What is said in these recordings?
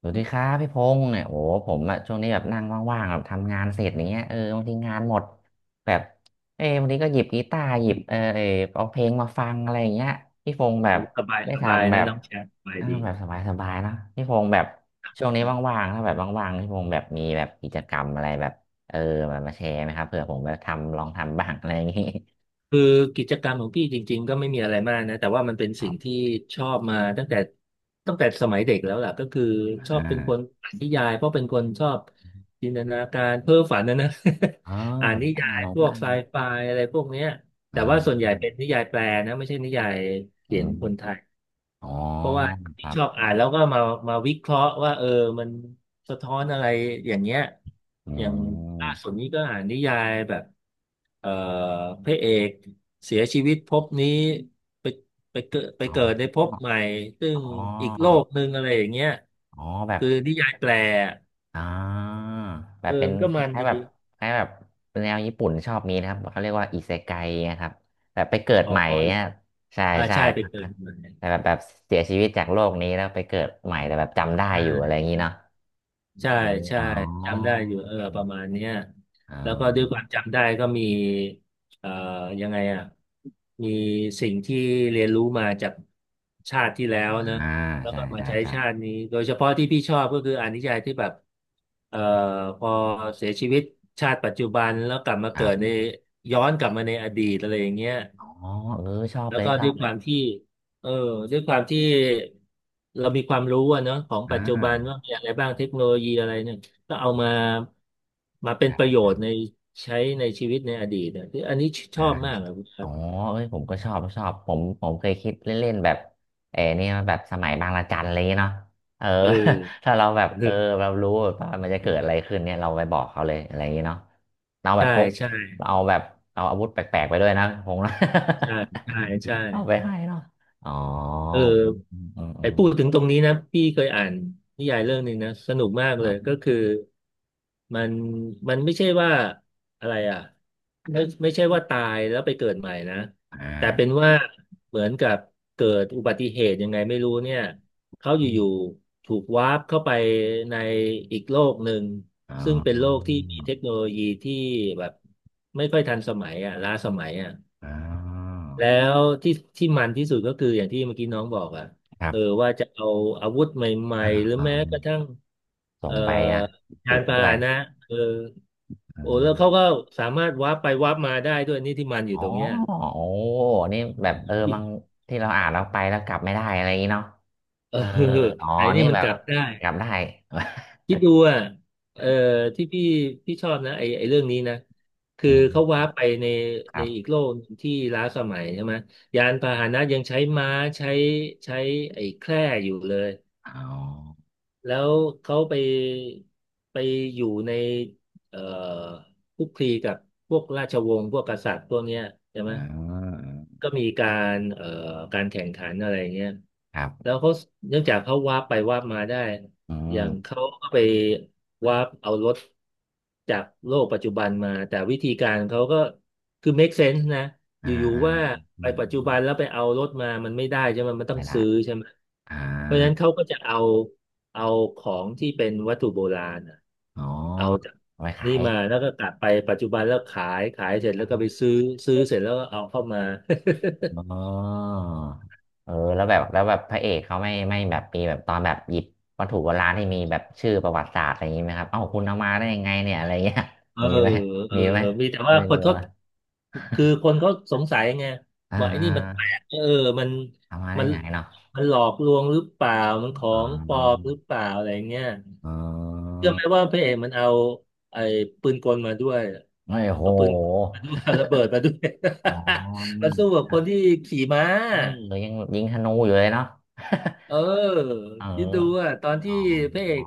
สวัสดีครับพี่พงษ์เนี่ยโอ้โหผมอะช่วงนี้แบบนั่งว่างๆแบบทำงานเสร็จอย่างเงี้ยเออบางทีงานหมดแบบเออบางทีก็หยิบกีตาร์หยิบเอาเพลงมาฟังอะไรอย่างเงี้ยพี่พงษ์แบบสบายได้สบายทำแบนะบน้องแชทสบายเออดีแบบสบายๆเนอะพี่พงษ์แบบช่วงนี้ว่างๆถ้าแบบว่างๆพี่พงษ์แบบมีแบบกิจกรรมอะไรแบบเออแบบมาแชร์ไหมครับเผื่อผมแบบทำลองทำบ้างอะไรอย่างงี้ คือกิจกรรมของพี่จริงๆก็ไม่มีอะไรมากนะแต่ว่ามันเป็น ครัสิ่งบที่ชอบมาตั้งแต่สมัยเด็กแล้วล่ะก็คือชออ่บเป็นคนาอ่านนิยายเพราะเป็นคนชอบจินตนาการเพ้อฝันนะนะ อ๋อ อ่านผมนิก็ยาอ่านยผมพก็วอ่ากนไซไฟอะไรพวกเนี้ยอ๋แต่อว่าส่วนใหญ่เป็นนิยายแปลนะไม่ใช่นิยายอืเขียนคนไทมย อ๋อเพราะว่าครัชบอบอ่านแล้วก็มาวิเคราะห์ว่าเออมันสะท้อนอะไรอย่างเงี้ยอือย่างม ล่าสุดนี้ก็อ่านนิยายแบบเอ่อพระเอกเสียชีวิตภพนี้ไปไปอ๋เกิดในอภพใหม่ซึ่งอ๋ออีกโลกหนึ่งอะไรอย่างเงี้ยอ๋อแบบคือนิยายแปลอ่าแบเออบเป็นมันก็คมันล้ายดีๆแบบคล้ายๆแบบแนวญี่ปุ่นชอบมีนะครับเขาเรียกว่าอิเซไกนะครับแบบไปเกิดอ๋ใหม่อเนี่ยใช่อ่าใช่ใช่ไปเกิครัดบใหม่แต่แบบแบบเสียชีวิตจากโลกนี้แล้วไปเกิดใหม่แต่แบบจำได้อยู่อะไรอใช่ ย่างนี้เนาะใช่อมใช่อ๋อจำได้อยู่เอออืประมมาณเนี้ยแล้วก็ด้วยความจำได้ก็มีเอ่อยังไงอ่ะมีสิ่งที่เรียนรู้มาจากชาติที่แล้วเนอะอ่าแล้วใช่ก็มาใช่ใช้ใช่ชาตินี้โดยเฉพาะที่พี่ชอบก็คืออานิจจัยที่แบบเอ่อพอเสียชีวิตชาติปัจจุบันแล้วกลับมาคเกิรัดบในย้อนกลับมาในอดีตอะไรอย่างเงี้ย อ๋อเออชอบแล้เลวยก็ชอด้วบยเลคยวามที่เออด้วยความที่เรามีความรู้อะเนอะของปัอ่าจจุบันว่ามีอะไรบ้างเทคโนโลยีอะไรเนี่ยก็เอามาเป็นประใช่โยชน์ในใช้ในชีวิตในอดีตเนี่ยคืออันนี้ชใช่ อบมากอะครัอ๋อบเอ้ยผมก็ชอบผมเคยคิดเล่นๆแบบเออเนี่ยแบบสมัยบางระจันอะไรอย่างเงี้ยเนาะเออ เออ ถ้าเราแบบ เอเออ อเรารู้ว่ามันจะเกิดอะไรขึ้นเนี่ยเราไปบอกเขาเลยอะไรอย่างเงี้ยเนาะเราแบใช่บพกใช่เราเอาแบบเอาอาวุธแปลกๆไปด้วยนะคงนะ ใช่ใช่ใช่ เอาไปให้เนาะอ๋ออืเออ มอืมอืไอ้มพูดถึงตรงนี้นะพี่เคยอ่านนิยายเรื่องหนึ่งนะสนุกมากคเลรัยบก็คือมันไม่ใช่ว่าอะไรอ่ะไม่ใช่ว่าตายแล้วไปเกิดใหม่นะอ่แต่เป็นาว่าเหมือนกับเกิดอุบัติเหตุยังไงไม่รู้เนี่ยเขาออยู่มๆถูกวาร์ปเข้าไปในอีกโลกหนึ่งอ๋อซึ่งเป็นโลกที่มีเทคโนโลยีที่แบบไม่ค่อยทันสมัยอ่ะล้าสมัยอ่ะ อ๋อ แล้วที่มันที่สุดก็คืออย่างที่เมื่อกี้น้องบอกอ่ะครัเออบว่าจะเอาอาวุธใหม่อ่าๆหรืออ่าแม้กระทั่งส่เอ่องไปนะติยาดนไปพาด้วย หนะเออโอ้แล้วเขาก็สามารถวาร์ปไปวาร์ปมาได้ด้วยนี่ที่มันออ๋ยู่อตรงเนี้ย โอ้นี่แบบเออบาง ที่เราอ่านเราไปแล้วกลับไม่ได้อะไรอย่างงี้เนาะเออเอออ๋อไอ้นี่นี่มันแบกบลับได้กลับได้ คิดดูอ่ะเออที่พี่ชอบนะไอ้เรื่องนี้นะ คืออืเขามวาร์ปไปในครัอีกบโลกหนึ่งที่ล้าสมัยใช่ไหมยานพาหนะยังใช้ม้าใช้ใช้ไอ้แคร่อยู่เลย อ๋อแล้วเขาไปไปอยู่ในเอ่อคลุกคลีกับพวกราชวงศ์พวกกษัตริย์พวกเนี้ยใช่อืไหมมก็มีการการแข่งขันอะไรเงี้ยครัแล้วบเขาเนื่องจากเขาวาบไปวาบมาได้ อือมย่างเขาก็ไปวาร์ปเอารถจากโลกปัจจุบันมาแต่วิธีการเขาก็คือ make sense นะออ่ายู่อ่าๆว่าอืไปมปัจอืจุมบันแล้วไปเอารถมามันไม่ได้ใช่ไหมมันต้อไม่งได้ซื้อใช่ไหมอ่าเพราะฉะนั้นเขาก็จะเอาเอาของที่เป็นวัตถุโบราณน่ะอ๋อเอาจากเอาไปขานี่ย มาแล้วก็กลับไปปัจจุบันแล้วขายเสร็จแล้วก็ไปซื้อเสร็จแล้วก็เอาเข้ามา อ๋อเออ แล้วแบบแล้วแบบพระเอกเขาไม่ ไม่แบบมีแบบตอนแบบหยิบวัตถุโบราณที่มีแบบชื่อประวัติศาสตร์อะไรอย่างนี้ไหมครับเอ้าคุณเอามาได้ยังไงเนี่ย อะไรเงี้ย เออ มีไหมเออมีไหมมีแต่ว่าไม่คนรู้ก็อ่ะคือคนเขาสงสัยไงอ่ว่าไอ้นี่มันแปลากเออมันเอามาได้มันไงเนาะหลอกลวงหรือเปล่ามันขออ๋งปลอมอหรือเปล่าอะไรเงี้ยเออเชื่อไหมว่าพระเอกมันเอาไอ้ปืนกลมาด้วยไม่โหเอาปืนมาด้วย ระเบิดมาด้วย อ๋อ มาสู้กับคนที่ขี่ม้า เออยังยิงธนูอยู่เลยเนาะ เออ เออคิดดูอ่ะตอนอ๋ที่พระเออก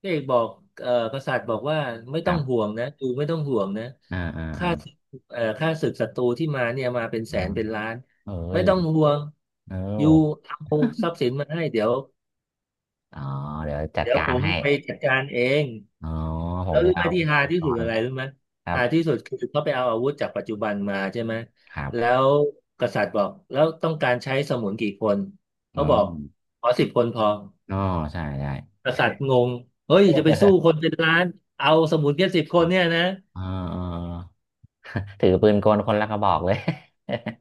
บอกกษัตริย์บอกว่าไม่คต้อรังบห่วงนะดูไม่ต้องห่วงนะอ่าอ่าข้าศึกศัตรูที่มาเนี่ยมาเป็นแสอ่านเป็นล้านเออเอ้ไม่ยต้องห่วงเอออยู่าเอาทรัพย์สินมาให้เดี๋ยวอ๋อเดี๋ยวจัดกาผรมให้ ไปจัดการเองอ๋อผแล้มวไปรู้ไหมเอาที่อุฮาปที่กสุดรณ์อะไรรู้ไหมครับฮาที่สุดคือเขาไปเอาอาวุธจากปัจจุบันมาใช่ไหมครับแล้วกษัตริย์บอกแล้วต้องการใช้สมุนกี่คนเขาอืบอมกขอสิบคนพอ อ๋อใช่ใช่ กษัตริย์งงเฮ้ยจะไปสู้คน เป็นล้านเอาสมุนแค่สิบคอ๋อนเนี่ยนะออออ ถือปืนกลคนละกระบอกเลย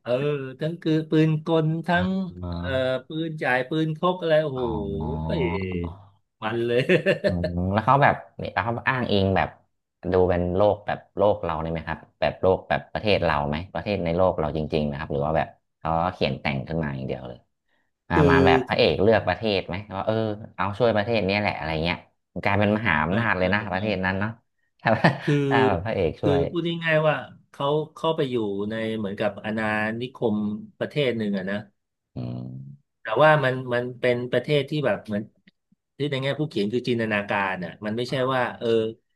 เออทั้งคือปืนกล ทั้งอ๋าเอ่อปืนจ่ายปืนพกอะไรโอ้โหอ๋อ เอ้ยมันเลย อืมแล้วเขาแบบเนี่ยแล้วเขาอ้างอิงแบบดูเป็นโลกแบบโลกเราเลยไหมครับแบบโลกแบบประเทศเราไหมประเทศในโลกเราจริงๆนะครับหรือว่าแบบเขาก็เขียนแต่งขึ้นมาอย่างเดียวเลย มาคือมาแบบพระเอกเลือกประเทศไหมว่าเออเอาช่วยประเทศเนี้ยแหละอะไรเงี้ยมันกลายเป็นมหาอำนาจเลยนะประเทไม่ศนั้นเนาะ ถ้าคือถ้าแบบพระเอกช่วยพูดง่ายๆว่าเขาเข้าไปอยู่ในเหมือนกับอาณานิคมประเทศหนึ่งอะนะ อืมแต่ว่ามันเป็นประเทศที่แบบเหมือนที่ในแง่ผู้เขียนคือจินตนาการอ่ะมันไม่ใช่ว่า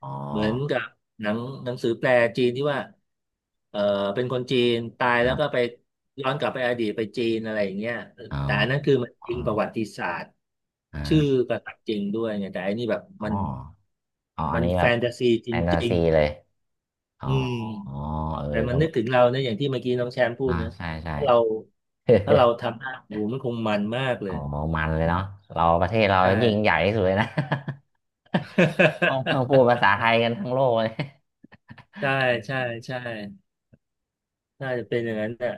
อ๋อเหมือนกับหนังหนังสือแปลจีนที่ว่าเออเป็นคนจีนตายคแล้รัวก็ไปบย้อนกลับไปอดีตไปจีนอะไรอย่างเงี้ยอ๋อแต่อันนั้นคือมันอ๋จอริงประวัติศาสตร์อ่ชื่อากษัตริย์จริงด้วยไงแต่อันนี้แบบอ๋อมันอ๋ออัมันนนี้แฟแบบนตาซีจแฟนตาริงซีเลยอ๋ๆออืมเอแต่อมันก็ นึกถึงเราเนี่ยอย่างที่เมื่อกี้น้องแชมป์พูดอ่านะใช่ใช่ ถ้าเรา ถ้าเราทำได้โอ้โหมันคงมันมากเลอ๋ย อมันเลยเนาะเราประเทศเราใช่ ยิ่งใหญ่ที่สุดเลยนะ ต้องพูดภาษา ไทยกันทั้งโลกเลย ใช่ใช่ ใช่ น่าจะเป็นอย่างนั้นน่ะ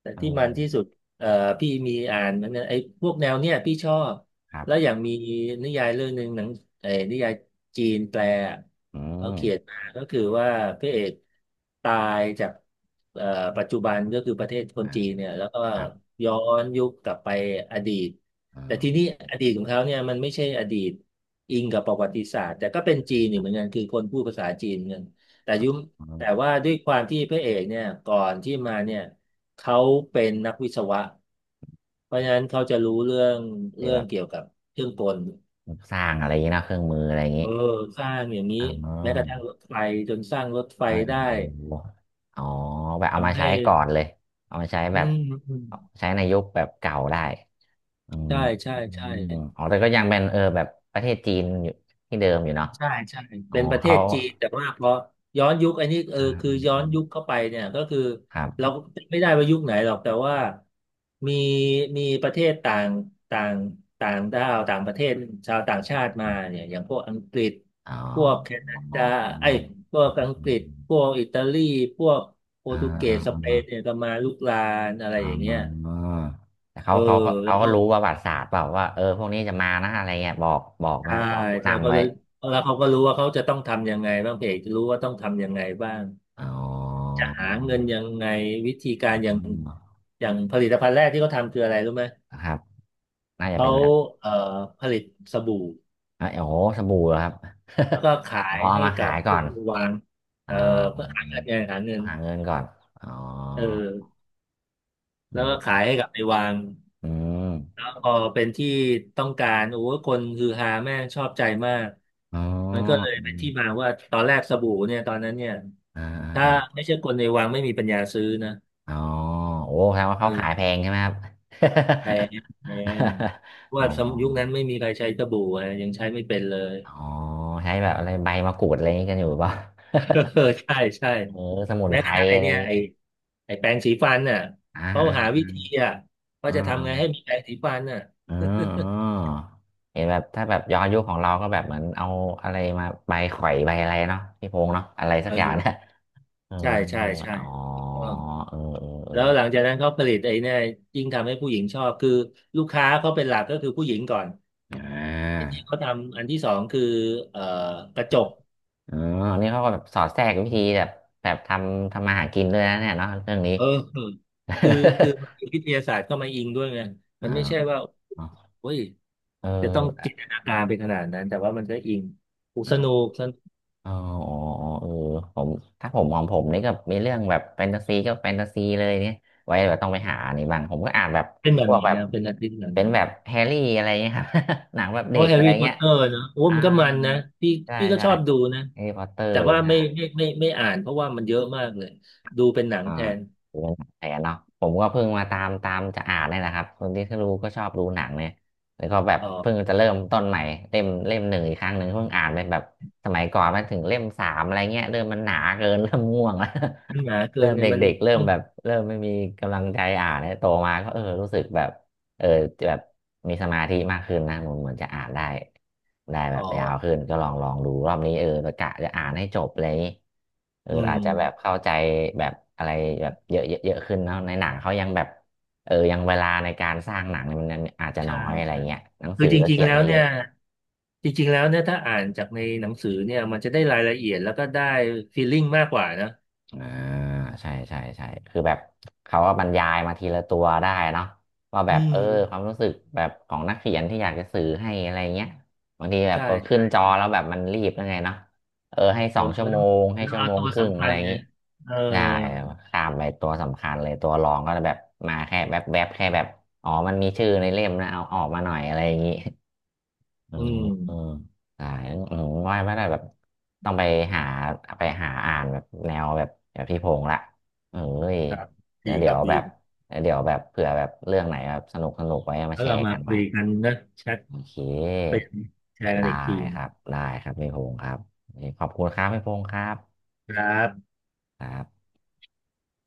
แต่เอที่มันอที่สุดเอ่อพี่มีอ่านมันนะไอ้พวกแนวเนี้ยพี่ชอบครัแล้วบ อย่างมีนิยายเรื่องหนึ่งหนังไอ้นิยายจีนแปลอะอืเขาเขียนมมาก็คือว่าพระเอกตายจากเอ่อปัจจุบันก็คือประเทศคนอ่ะจีนเนี่ยแล้วก็ครับย้อนยุคกลับไปอดีตอ๋อแต่ทีนี้อดีตของเขาเนี่ยมันไม่ใช่อดีตอิงกับประวัติศาสตร์แต่ก็เป็นจีนคอีกรับเหมือนกันคือคนพูดภาษาจีนเหมือนกัน แต่ครับยุมอืมแต่ว่าด้วยความที่พระเอกเนี่ยก่อนที่มาเนี่ยเขาเป็นนักวิศวะเพราะฉะนั้นเขาจะรู้เรื่องเดี๋ยเรื่อแบงบเกี่ยวกับเครื่องกลสร้างอะไรอย่างนี้นะเครื่องมืออะไรอย่างนี้เออสร้างอย่างนี้อ่าเอแม้กระทั่งอรถไฟจนสร้างรถไฟเอยได้เอออ๋อแบบเอามาทำให้ใช้ก่อนเลย เอามาใช้แบอืบมอืมใช้ในยุคแบบเก่าได้อืมใช่ใช่อใช่ มอ๋อแต่ก็ยังเป็นเออแบบประเทศจีนอยู่ที่เดิมอยู่เนาะ ใช่ใช่อ๋อเป็นประเทเขาศจีนแต่ว่าพอย้อนยุคอันนี้เอออ่าคืออืมย้ออืนมยุคเข้าไปเนี่ยก็คือครัเราบก็จำไม่ได้ว่ายุคไหนหรอกแต่ว่ามีมีประเทศต่างต่างต่างด้าวต่างประเทศชาวต่างชาติมาเนี่ยอย่างพวกอังกฤษอ๋อพวกแคอนา๋อดาไอ้ยพวอกออังกฤษพวกอิตาลีพวกโปรอ่าตุเกอ่าสสอ่าเปอ่นเนี่ยก็มาลุกรานอะไราอ่าอย่างเงี้ยแต่เอเขาอเขาแล้เขาวก็ก็รู้ประวัติศาสตร์เปล่าว่าเออพวกนี้จะมานะอะไรเงี้ยบอกบอกนะใช่บอกผู้ใช่นำก็ไว้เลยแล้วเขาก็รู้ว่าเขาจะต้องทำยังไงบ้างเพจจะรู้ว่าต้องทำยังไงบ้าง อ๋อจะหาเงินยังไงวิธีกาอ๋รอย่าองอย่างผลิตภัณฑ์แรกที่เขาทำคืออะไรรู้ไหมนะครับน่าจะเขาเป็นแบบเอ่อผลิตสบู่เอ้ยโอ้โหสบู่เหรอครับ แล้วก็ ขาอ๋อยเอาให้มากัขาบยก่อผู้นวางอ๋เอ่ออเพื่อหาเงินไงหาเงินหาเงินก่อนอ๋อเออแล้วก็ขาเออยให้กับไปวางอืมแล้วพอเป็นที่ต้องการโอ้โหคนฮือฮาแม่งชอบใจมากอ๋อมันก็เลยอืเป็นมที่มาว่าตอนแรกสบู่เนี่ยตอนนั้นเนี่ยอ่ถ้าา ไม่ใช่คนในวังไม่มีปัญญาซื้อนะอ๋อโอ้แปลว่าเขาขายเออ แพงใช่ไหมครับ แพงแพงเพราะ อ๋อว่าสมยุคนั้นไม่มีใครใช้สบู่อะยังใช้ไม่เป็นเลย อ๋อใช้แบบอะไรใบมะกรูดอะไรอย่างนี้กันอยู่หรือเปล่า เออใช่ใช่เออสมุนแม้ไพกรระทั่งไออะไรอเนี่ยย่างงี้ไอไอแปรงสีฟันน่ะอ่าเขาหาวิธีอ่าอ่ะว่าอ่จะทำไงให้ามีแปรงสีฟันน่ะ อ่า อ่าเห็นแบบถ้าแบบย้อนยุคของเราก็แบบเหมือนเอาอะไรมาใบข่อยใบอะไรเนาะพี่พงษ์เนาะอะไรสักอย่างนะเออเออใช่ใช่เออใช่อ๋อถูกต้องเออเออเออแล้วหลังจากนั้นเขาผลิตไอ้เนี่ยยิ่งทำให้ผู้หญิงชอบคือลูกค้าเขาเป็นหลักก็คือผู้หญิงก่อนอ่ไอ้ที่าเขาทำอันที่สองคือเอ่อกระจก เออนี่เขาก็แบบสอดแทรกวิธีแบบแบบทำมาหากินด้วยนะเนี่ยเนาะเรื่องนี้ เออคือคือมันมี วิทยาศาสตร์เข้ามาอิงด้วยไงมัอ่านไม่ใช่ว่าอ๋อเฮ้ยเอจะต้องจินอตนาการไปขนาดนั้นแต่ว่ามันก็อิงอุยสนุกอ่ะสนุกอ๋ออ๋ออ๋อเออผมถ้าผมของผมนี่ก็มีเรื่องแบบแฟนตาซีก็แฟนตาซีเลยเนี่ยไว้แบบต้องไปหาอันนี่บ้างผมก็อ่านแบบเป็นแบพบวไหกนแบบนะเป็นนักดิ้นแบบเป็ไหนนแบบแฮร์รี่อะไรเงี้ยครับ หนังแบบโอ้เด็กแฮอะร์ไรรี่พอตเงี้ยเตอร์นะโอ้อ่ามันก็มันนะพี่ใช่พี่ก็ใช่ชอบดูนะแฮร์รี่พอตเตอแต่ร์ ว่าไม่อ่านเพราะว่ามันเยอะมากเลยดูเป็นหนังอ่าแทนดูเป็นหนังแทนเนาะผมก็เพิ่งมาตามจะอ่านเนี่ยนะครับคนที่รู้ก็ชอบดูหนังเนี่ยแล้วก็แบบอ๋เพิ่งอจะเริ่มต้นใหม่เล่มหนึ่งอีกครั้งหนึ่งเพิ่งอ่านไปแบบสมัยก่อนมาถึงเล่มสามอะไรเงี้ยเริ่มมันหนาเกิน เริ่มง่วงแล้ว มันหนา เกิเริ่นมไงมันเด็กๆเริ่มต้องแบบเริ่มไม่มีกำลังใจอ่านเนี่ยโตมาก็เออรู้สึกแบบ เออแบบมีสมาธิมากขึ้นนะผมเหมือนจะอ่านได้ได้แบอ๋อบยาวขึ้นก็ลองดูรอบนี้เออประกะจะอ่านให้จบอะไรอย่างนี้เอออือาม จจะแบบเข้าใจแบบอะไรแบบเยอะเยอะเยอะขึ้นเนาะในหนังเขายังแบบเออยังเวลาในการสร้างหนังเนี่ยมันอาจจะน้ใช่อยอะไรใช่เงี้ยหนังคืสืออจก็ริงเขีๆยนแล้ได้วเยเนี่อะ ยจริงๆแล้วเนี่ยถ้าอ่านจากในหนังสือเนี่ยมันจะได้รายละเอียดแล้วก็ได้ฟีลลิ่งมากกว่านะอ่าใช่ใช่ใช่คือแบบเขาก็บรรยายมาทีละตัวได้เนาะว่าแบอืบเอมอความรู้สึกแบบของนักเขียนที่อยากจะสื่อให้อะไรเงี้ยบางทีแบบใช่พอขึ้ใช่นจอใช่แล้วแบบมันรีบยังไงเนาะเออให้ผสองมชั่ก็วโมต้องงให้ชั่วเอาโมงตัวครึ่งสำอะคัไรญอย่างเนี่งี้ยเออได้ข้ามไปตัวสำคัญเลยตัวรองก็จะแบบมาแค่แบบแบบแค่แบบอ๋อมันมีชื่อในเล่มนะเอาออกมาหน่อยอะไรอย่างงี้ อืออือือมอ่าผมว่าไม่ได้แบบต้องไปหาอ่านแบบแนวแบบแบบพี่พงษ์ละเอ้ยครับเวดีคเดี๋รัยบวดีแบบเดี๋ยวแบบเผื่อแบบเรื่องไหนแบบสนุกไว้มาแล้วแชเราร์มากันใหคุม่ยกันนะแชทโอเป็เคนแชร์กันได้อีกทีครับได้ครับพี่พงษ์ครับขอบคุณครับพี่พงษ์ครับครับครับ